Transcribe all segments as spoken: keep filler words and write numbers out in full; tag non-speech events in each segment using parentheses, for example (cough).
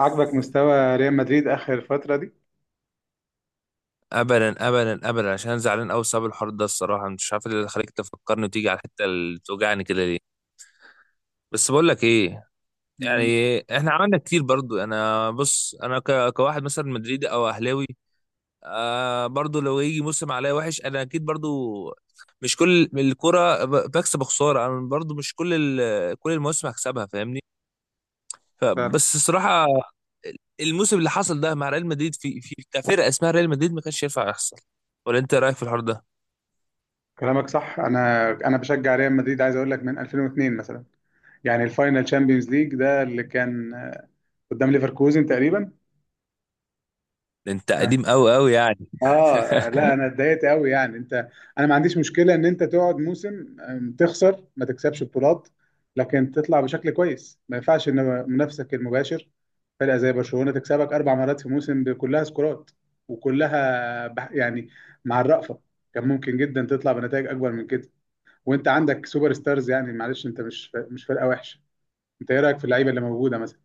عاجبك مستوى ريال مدريد اخر فتره دي؟ ابدا ابدا ابدا، عشان أنا زعلان قوي بسبب الحوار ده. الصراحه مش عارف إيه اللي خليك تفكرني وتيجي على الحته اللي توجعني كده ليه. بس بقول لك ايه، مم. يعني احنا عملنا كتير برضو. انا بص، انا ك... كواحد مثلا مدريدي او اهلاوي. آه، برضو لو يجي موسم عليا وحش انا اكيد برضو. مش كل الكرة ب- بكسب خسارة، انا برضو مش كل ال... كل المواسم هكسبها، فاهمني؟ فعلا. فبس الصراحه، الموسم اللي حصل ده مع ريال مدريد في في كفرقه اسمها ريال مدريد ما كانش ينفع يحصل. ولا انت رايك في الحوار ده؟ كلامك صح. انا انا بشجع ريال مدريد، عايز اقول لك من ألفين و اثنين مثلا. يعني الفاينل تشامبيونز ليج ده اللي كان قدام ليفركوزن تقريبا. ده انت كان- قديم قوي قوي يعني. اه لا انا اتضايقت قوي يعني. انت، انا ما عنديش مشكله ان انت تقعد موسم أم، تخسر ما تكسبش بطولات، لكن تطلع بشكل كويس. ما ينفعش ان منافسك المباشر فرقه زي برشلونه تكسبك اربع مرات في موسم، كلها سكورات وكلها بح- يعني. مع الرأفه، كان ممكن جدا تطلع بنتائج اكبر من كده وانت عندك سوبر ستارز. يعني معلش، انت مش ف- مش فرقه وحشه. انت ايه رايك في اللعيبه اللي موجوده مثلا؟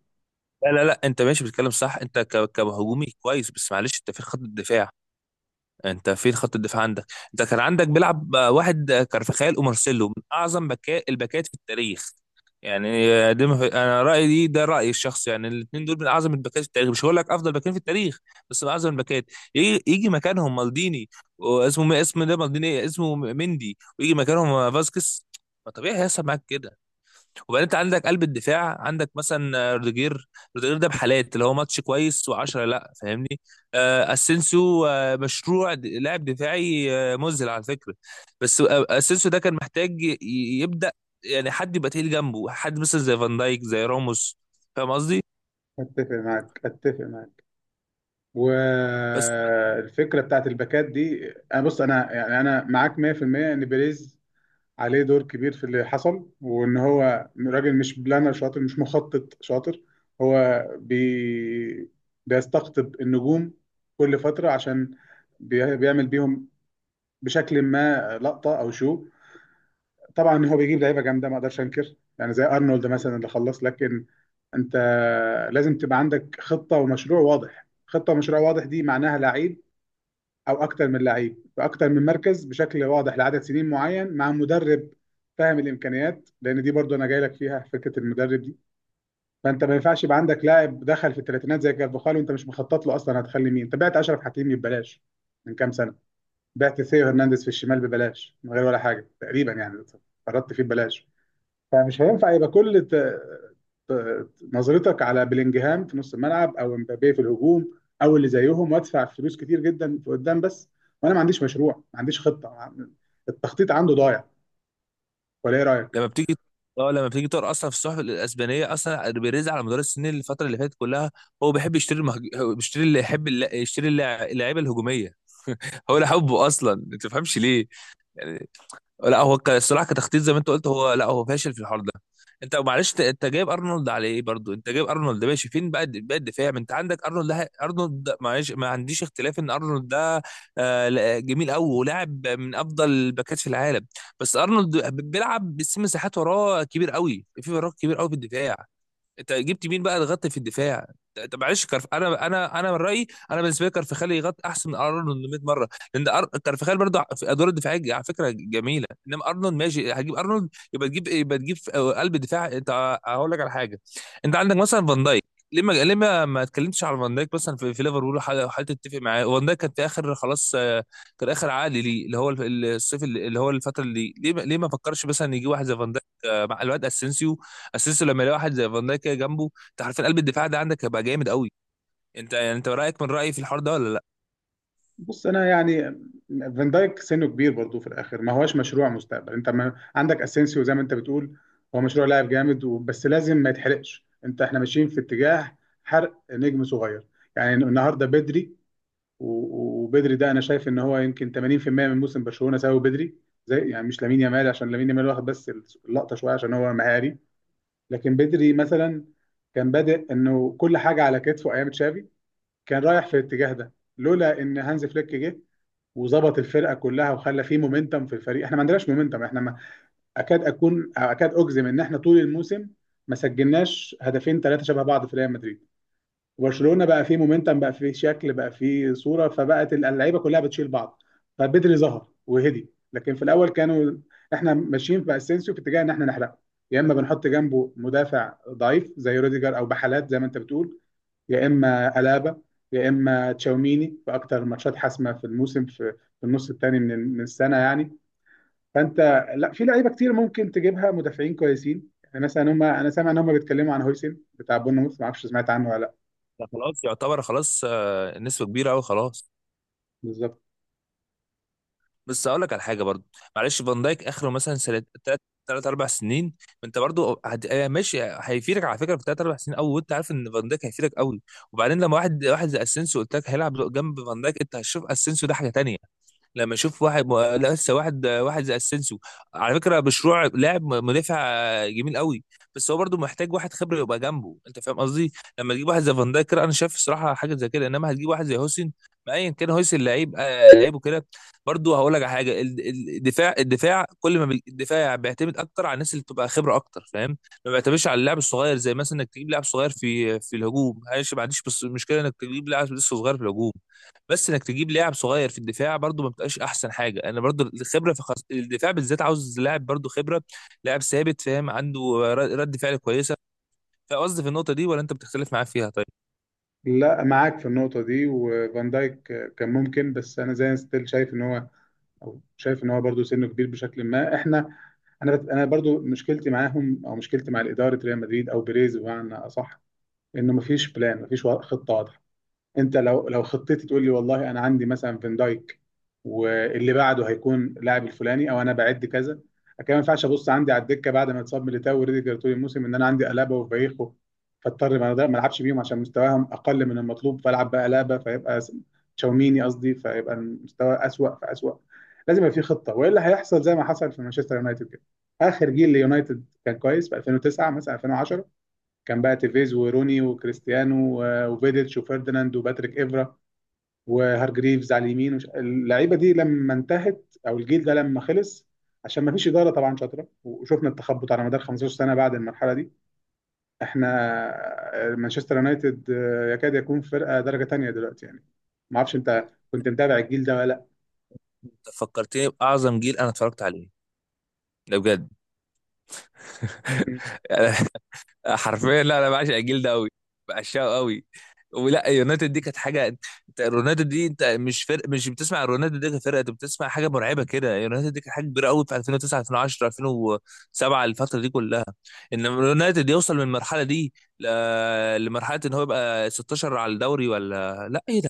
لا لا لا، انت ماشي بتتكلم صح. انت ك- كهجومي كويس، بس معلش انت فين خط الدفاع؟ انت فين خط الدفاع عندك؟ انت كان عندك بيلعب آه، واحد، آه، كارفخال ومارسيلو من اعظم بكاء الباكات في التاريخ. يعني آه، دي ما في- انا رايي دي، ده رايي الشخصي. يعني الاثنين دول من اعظم الباكات في التاريخ، مش هقول لك افضل باكين في التاريخ بس من اعظم الباكات. يجي, يجي مكانهم مالديني، واسمه اسمه ده مالديني، اسمه مندي، ويجي مكانهم آه، فاسكيز. ما طبيعي هيحصل معاك كده. وبعدين انت عندك قلب الدفاع عندك مثلا آه، روديجير. روديجير ده بحالات، اللي هو ماتش كويس وعشرة لا، فاهمني؟ آه، اسينسيو آه، مشروع د- لاعب دفاعي آه، مذهل على فكره. بس آه، اسينسيو ده كان محتاج ي- يبدا، يعني حد يبقى تقيل جنبه، حد مثلا زي فان دايك زي راموس، فاهم قصدي؟ اتفق معاك، اتفق معاك. بس والفكره بتاعت الباكات دي، انا بص، انا يعني، انا معاك مية في المية ان بيريز عليه دور كبير في اللي حصل، وان هو راجل مش بلانر شاطر، مش مخطط شاطر. هو بي... بيستقطب النجوم كل فترة، عشان بي... بيعمل بيهم بشكل ما، لقطة او شو. طبعا هو بيجيب لعيبة جامدة، ما اقدرش انكر، يعني زي ارنولد مثلا اللي خلص. لكن انت لازم تبقى عندك خطة ومشروع واضح. خطة ومشروع واضح دي معناها لعيب او اكتر من لعيب في اكتر من مركز بشكل واضح لعدد سنين معين، مع مدرب فاهم الامكانيات، لان دي برضو انا جاي لك فيها، فكره المدرب دي. فانت ما ينفعش يبقى عندك لاعب دخل في الثلاثينات زي كارفاخال وانت مش مخطط له اصلا. هتخلي مين؟ انت بعت اشرف حكيمي ببلاش من كام سنه، بعت ثيو هرنانديز في الشمال ببلاش من غير ولا حاجه تقريبا يعني، قرضت فيه ببلاش. فمش هينفع يبقى كل ت... ت- نظرتك على بلينجهام في نص الملعب او امبابيه في الهجوم او اللي زيهم، وادفع فلوس كتير جدا في قدام بس، وانا ما عنديش مشروع، ما عنديش خطه ما- التخطيط عنده ضايع، ولا ايه رايك؟ لما بتيجي، اه لما بتيجي تقرا اصلا في الصحف الاسبانيه، اصلا بيريز على مدار السنين الفتره اللي فاتت كلها هو بيحب يشتري المهج... هو بيشتري اللي يحب، الل- يشتري اللع- اللعيبه الهجوميه. هو ده حبه اصلا، ما تفهمش ليه يعني. لا هو ك- الصراحه كتخطيط زي ما انت قلت، هو لا هو فاشل في الحوار ده. انت معلش ت- انت جايب ارنولد على ايه؟ برضو انت جايب ارنولد ده ماشي، فين بقى الد- بقى الدفاع؟ ما انت عندك ارنولد ده، ارنولد ده- معلش ما عنديش اختلاف ان ارنولد ده آه، لا- جميل قوي ولاعب من افضل الباكات في العالم. بس ارنولد ب- بيلعب بس مساحات، وراه كبير قوي في وراه كبير قوي في الدفاع. انت جبت مين بقى يغطي في الدفاع؟ انت معلش كرف، انا انا انا من رايي، انا بالنسبه لي كارفخال يغطي احسن من ارنولد ميه مره. لان أر... كارفخال برضه في ادوار الدفاعيه على فكره جميله. انما ارنولد ماشي، هتجيب ارنولد يبقى تجيب يبقى تجيب في قلب دفاع. انت هقول لك على حاجه، انت عندك مثلا فان دايك. ليه ما ليه ما ما اتكلمتش على فان دايك مثلا في, في ليفربول؟ وحاول وحاول تتفق معاه. فان دايك كان في اخر خلاص، آه، كان اخر عقد ليه، اللي هو الف- الصيف، اللي اللي هو الفتره، اللي ليه ما- ليه ما فكرش مثلا يجي واحد زي فان دايك آه، مع الواد اسينسيو؟ اسيستو لما يلاقي واحد زي فان دايك كده جنبه، انت عارفين قلب الدفاع ده عندك هيبقى جامد قوي. انت يعني انت رايك من رايي في الحوار ده ولا لا؟ بص انا يعني، فان دايك سنه كبير برضه في الاخر، ما هوش مشروع مستقبل. انت ما عندك اسينسيو زي ما انت بتقول، هو مشروع لاعب جامد و- بس لازم ما يتحرقش. انت، احنا ماشيين في اتجاه حرق نجم صغير. يعني النهارده بدري و- وبدري ده انا شايف ان هو يمكن تمانين في المية من موسم برشلونه سببه بدري. زي يعني مش لامين يامال، عشان لامين يامال واخد بس اللقطه شويه عشان هو مهاري، لكن بدري مثلا كان بادئ انه كل حاجه على كتفه ايام تشافي. كان رايح في الاتجاه ده لولا ان هانز فليك جه وظبط الفرقه كلها وخلى فيه مومنتم في الفريق. احنا ما عندناش مومنتم. احنا ما اكاد اكون اكاد اجزم ان احنا طول الموسم ما سجلناش هدفين ثلاثه شبه بعض في ريال مدريد. وبرشلونه بقى فيه مومنتم، بقى فيه شكل، بقى فيه صوره، فبقت اللعيبه كلها بتشيل بعض. فبدري ظهر وهدي، لكن في الاول كانوا، احنا ماشيين في اسينسيو في اتجاه ان احنا نحرقه. يا اما بنحط جنبه مدافع ضعيف زي روديجر او بحالات زي ما انت بتقول، يا اما الابا، يا اما تشاوميني في اكتر ماتشات حاسمه في الموسم، في في النص الثاني من من السنه يعني. فانت، لا، في لعيبه كتير ممكن تجيبها مدافعين كويسين. يعني مثلا هم انا سامع ان هم بيتكلموا عن هويسن بتاع بورنموث، ما اعرفش سمعت عنه ولا لا. ده خلاص يعتبر خلاص، آه، نسبه كبيره قوي خلاص. بالظبط. بس اقول لك على حاجه برضو، معلش فان دايك اخره مثلا سنه ثلاث، ثلاث اربع سنين. انت برضو هت- آه، ماشي هيفيدك على فكره في ثلاث اربع سنين قوي، وانت عارف ان فان دايك هيفيدك قوي. وبعدين لما واحد واحد زي اسينسيو قلت لك هيلعب جنب فان دايك، انت هتشوف اسينسيو ده حاجه تانيه. لما اشوف واحد م... لا، لسه واحد واحد زي اسينسيو، على فكره مشروع لاعب مدافع جميل قوي. بس هو برضو محتاج واحد خبره يبقى جنبه، انت فاهم قصدي؟ لما تجيب واحد زي فان دايك كده، انا شايف الصراحه حاجه زي كده، انما هتجيب واحد زي هوسن، ما ايا كان هوسن لعيب، آه، لعيبه كده. برضو هقول لك على حاجه، ال- ال- الدفاع، الدفاع كل ما بي- الدفاع بيعتمد اكتر على الناس اللي بتبقى خبره اكتر، فاهم؟ ما بيعتمدش على اللاعب الصغير، زي مثلا انك تجيب لاعب صغير في في الهجوم. معلش، ما عنديش بس- مشكله انك تجيب لاعب لسه صغير في الهجوم، بس انك تجيب لاعب صغير في الدفاع برضو ما بتبقاش احسن حاجه. انا برضو الخبره في خص... الدفاع بالذات، عاوز لاعب برضو خبره، لاعب ثابت فاهم، عنده ر- رد فعل كويسه. فقصدي في النقطه دي، ولا انت بتختلف معايا فيها طيب؟ لا معاك في النقطة دي. وفان دايك كان ممكن، بس أنا زي ستيل شايف إن هو، أو شايف إن هو برضه سنه كبير بشكل ما. إحنا، أنا بت... أنا برضه مشكلتي معاهم، أو مشكلتي مع إدارة ريال مدريد أو بيريز بمعنى أصح، إنه مفيش بلان، مفيش وا- خطة. انت لو، لو خطتي تقول لي والله انا عندي مثلا فان دايك، واللي بعده هيكون لاعب الفلاني، او انا بعد كذا. لكن ما ينفعش ابص عندي على الدكه بعد ما اتصاب ميليتاو وريديجر طول الموسم، ان انا عندي الابا وفايخو فاضطر ما ما العبش بيهم عشان مستواهم اقل من المطلوب، فالعب بقى الابا، فيبقى س- تشاوميني قصدي، فيبقى المستوى اسوأ فاسوأ. لازم يبقى في خطه، والا هيحصل زي ما حصل في مانشستر يونايتد كده. اخر جيل ليونايتد كان كويس في ألفين وتسعه مثلا، ألفين وعشرة، كان بقى تيفيز وروني وكريستيانو و- وفيديتش وفيرديناند وباتريك إيفرا وهارجريفز على اليمين وش... اللعيبه دي لما انتهت، او الجيل ده لما خلص، عشان ما فيش اداره طبعا شاطره، وشفنا التخبط على مدار خمسة عشر سنه بعد المرحله دي. احنا آه، مانشستر يونايتد آه، يكاد يكون فرقه درجه تانية دلوقتي يعني. ما اعرفش انت كنت متابع الجيل ده ولا لا؟ أنت فكرتني باعظم جيل انا اتفرجت عليه، ده بجد. (laughs) حرفيا لا، انا بعشق الجيل ده قوي، بعشقه قوي. ولا يونايتد دي كانت حاجه! انت رونالدو دي، انت مش فرق، مش بتسمع رونالدو دي كفرقه، انت بتسمع حاجه مرعبه كده. يونايتد دي كانت حاجه كبيره قوي في الفين وتسعة الفين وعشرة الفين وسبعة، الفتره دي كلها. ان يونايتد يوصل من المرحله دي ل- لمرحله ان هو يبقى ستاشر على الدوري؟ ولا لا ايه ده؟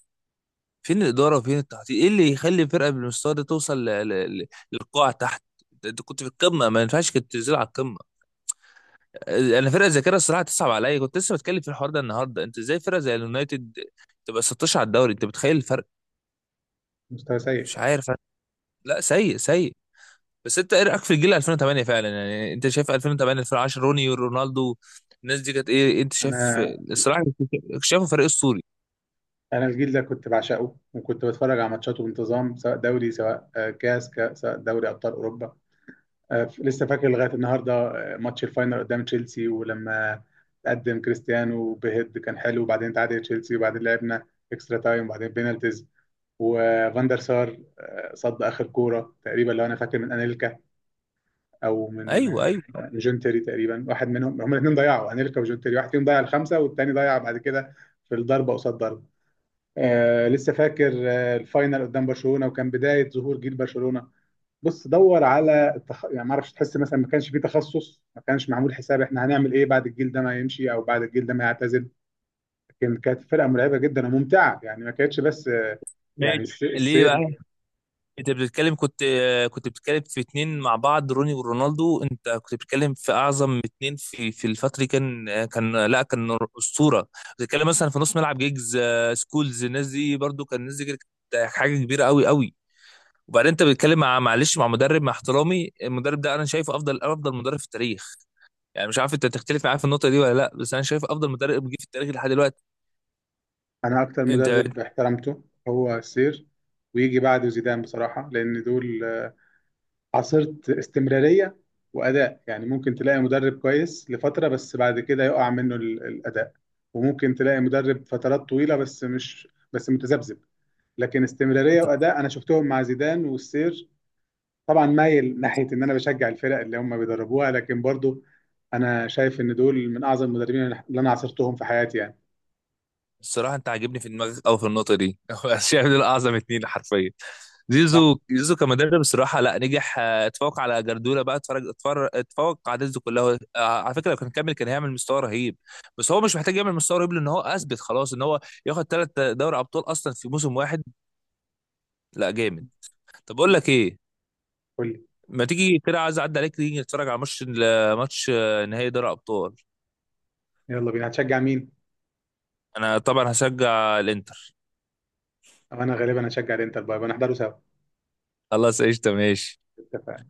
فين الاداره وفين التخطيط؟ ايه اللي يخلي فرقه بالمستوى ده توصل ل- ل- ل- للقاع تحت؟ انت كنت في القمه، ما ينفعش كنت تنزل على. انا فرقه زي كده الصراحه تصعب عليا، كنت لسه بتكلم في الحوار ده النهارده. انت ازاي فرقه زي اليونايتد تبقى السادس عشر على الدوري؟ انت متخيل الفرق؟ مستوى سيء. مش عارف أنا. لا، سيء سيء. بس انت ايه رايك في الجيل الفين وتمانية فعلا؟ يعني انت شايف الفين وتمانية الفين وعشرة، روني ورونالدو، الناس دي كانت ايه انت شايف؟ انا، الصراحه كنت شايفه فريق اسطوري. انا الجيل ده كنت بعشقه، وكنت بتفرج على ماتشاته بانتظام، سواء دوري، سواء آه، كاس ك- سواء دوري ابطال اوروبا. آه، لسه فاكر لغايه النهارده آه، ماتش الفاينل قدام تشيلسي، ولما قدم كريستيانو بهيد كان حلو، وبعدين تعادل تشيلسي، وبعدين لعبنا اكسترا تايم، وبعدين بينالتيز، وفاندر سار آه، صد اخر كوره تقريبا لو انا فاكر من انيلكا، او من ايوه آه، ايوه، من جون تيري تقريبا، واحد منهم، هم الاثنين ضيعوا، انيلكا وجون تيري، واحد فيهم ضيع الخمسه والتاني ضيع بعد كده، في الضربه قصاد ضربه. آه لسه فاكر آه الفاينل قدام برشلونه، وكان بدايه ظهور جيل برشلونه. بص دور على التخ... يعني ما اعرفش، تحس مثلا ما كانش في تخصص، ما كانش معمول حساب احنا هنعمل ايه بعد الجيل ده ما يمشي، او بعد الجيل ده ما يعتزل. لكن كانت فرقه مرعبه جدا وممتعه يعني، ما كانتش بس آه، يعني ماشي. الس- ليه بقى؟ السير. انت بتتكلم، كنت كنت بتتكلم في اتنين مع بعض، روني ورونالدو. انت كنت بتتكلم في اعظم اتنين في في الفتره دي. كان كان لا كان اسطوره. بتتكلم مثلا في نص ملعب، جيجز، آه، سكولز، الناس دي برضو كان، الناس دي كانت حاجه كبيره قوي قوي. وبعدين انت بتتكلم مع، معلش مع مدرب، مع احترامي المدرب ده انا شايفه افضل افضل مدرب في التاريخ. يعني مش عارف انت تختلف معايا في النقطه دي ولا لا، بس انا شايف افضل مدرب جه في التاريخ لحد دلوقتي. انا اكتر انت مدرب احترمته هو السير، ويجي بعده زيدان بصراحه، لان دول آه، عصرة استمراريه واداء. يعني ممكن تلاقي مدرب كويس لفتره، بس بعد كده يقع منه ال- الاداء، وممكن تلاقي مدرب فترات طويله بس مش، بس متذبذب. لكن استمراريه انت واداء انا شفتهم مع زيدان والسير. طبعا مايل ناحيه ان انا بشجع الفرق اللي هم بيدربوها، لكن برضو انا شايف ان دول من اعظم المدربين اللي انا عاصرتهم في حياتي يعني. الصراحة أنت عاجبني في دماغك أوي في النقطة دي. (laughs) هو شايف دول أعظم اتنين حرفيا. صح. زيزو زيزو كمدرب الصراحة، لا نجح، آه، اتفوق على جاردولا بقى. اتفرج اتفرج اتفوق على زيزو كلها. آه، على فكرة لو كان كمل كان هيعمل مستوى رهيب. بس هو مش محتاج يعمل مستوى رهيب لأن هو أثبت خلاص إن هو ياخد ثلاث دوري أبطال أصلا في موسم واحد. لا جامد. طب أقول لك إيه؟ قول لي. ما تيجي كده، عايز أعدي عليك تيجي نتفرج على ماتش، ماتش آه، نهائي دوري أبطال. يلا بينا. هتشجع مين؟ أنا طبعا هشجع الإنتر. أو انا غالبا هشجع الانتر، بقى بنحضره سوا. خلاص قشطة، ماشي. اتفقنا.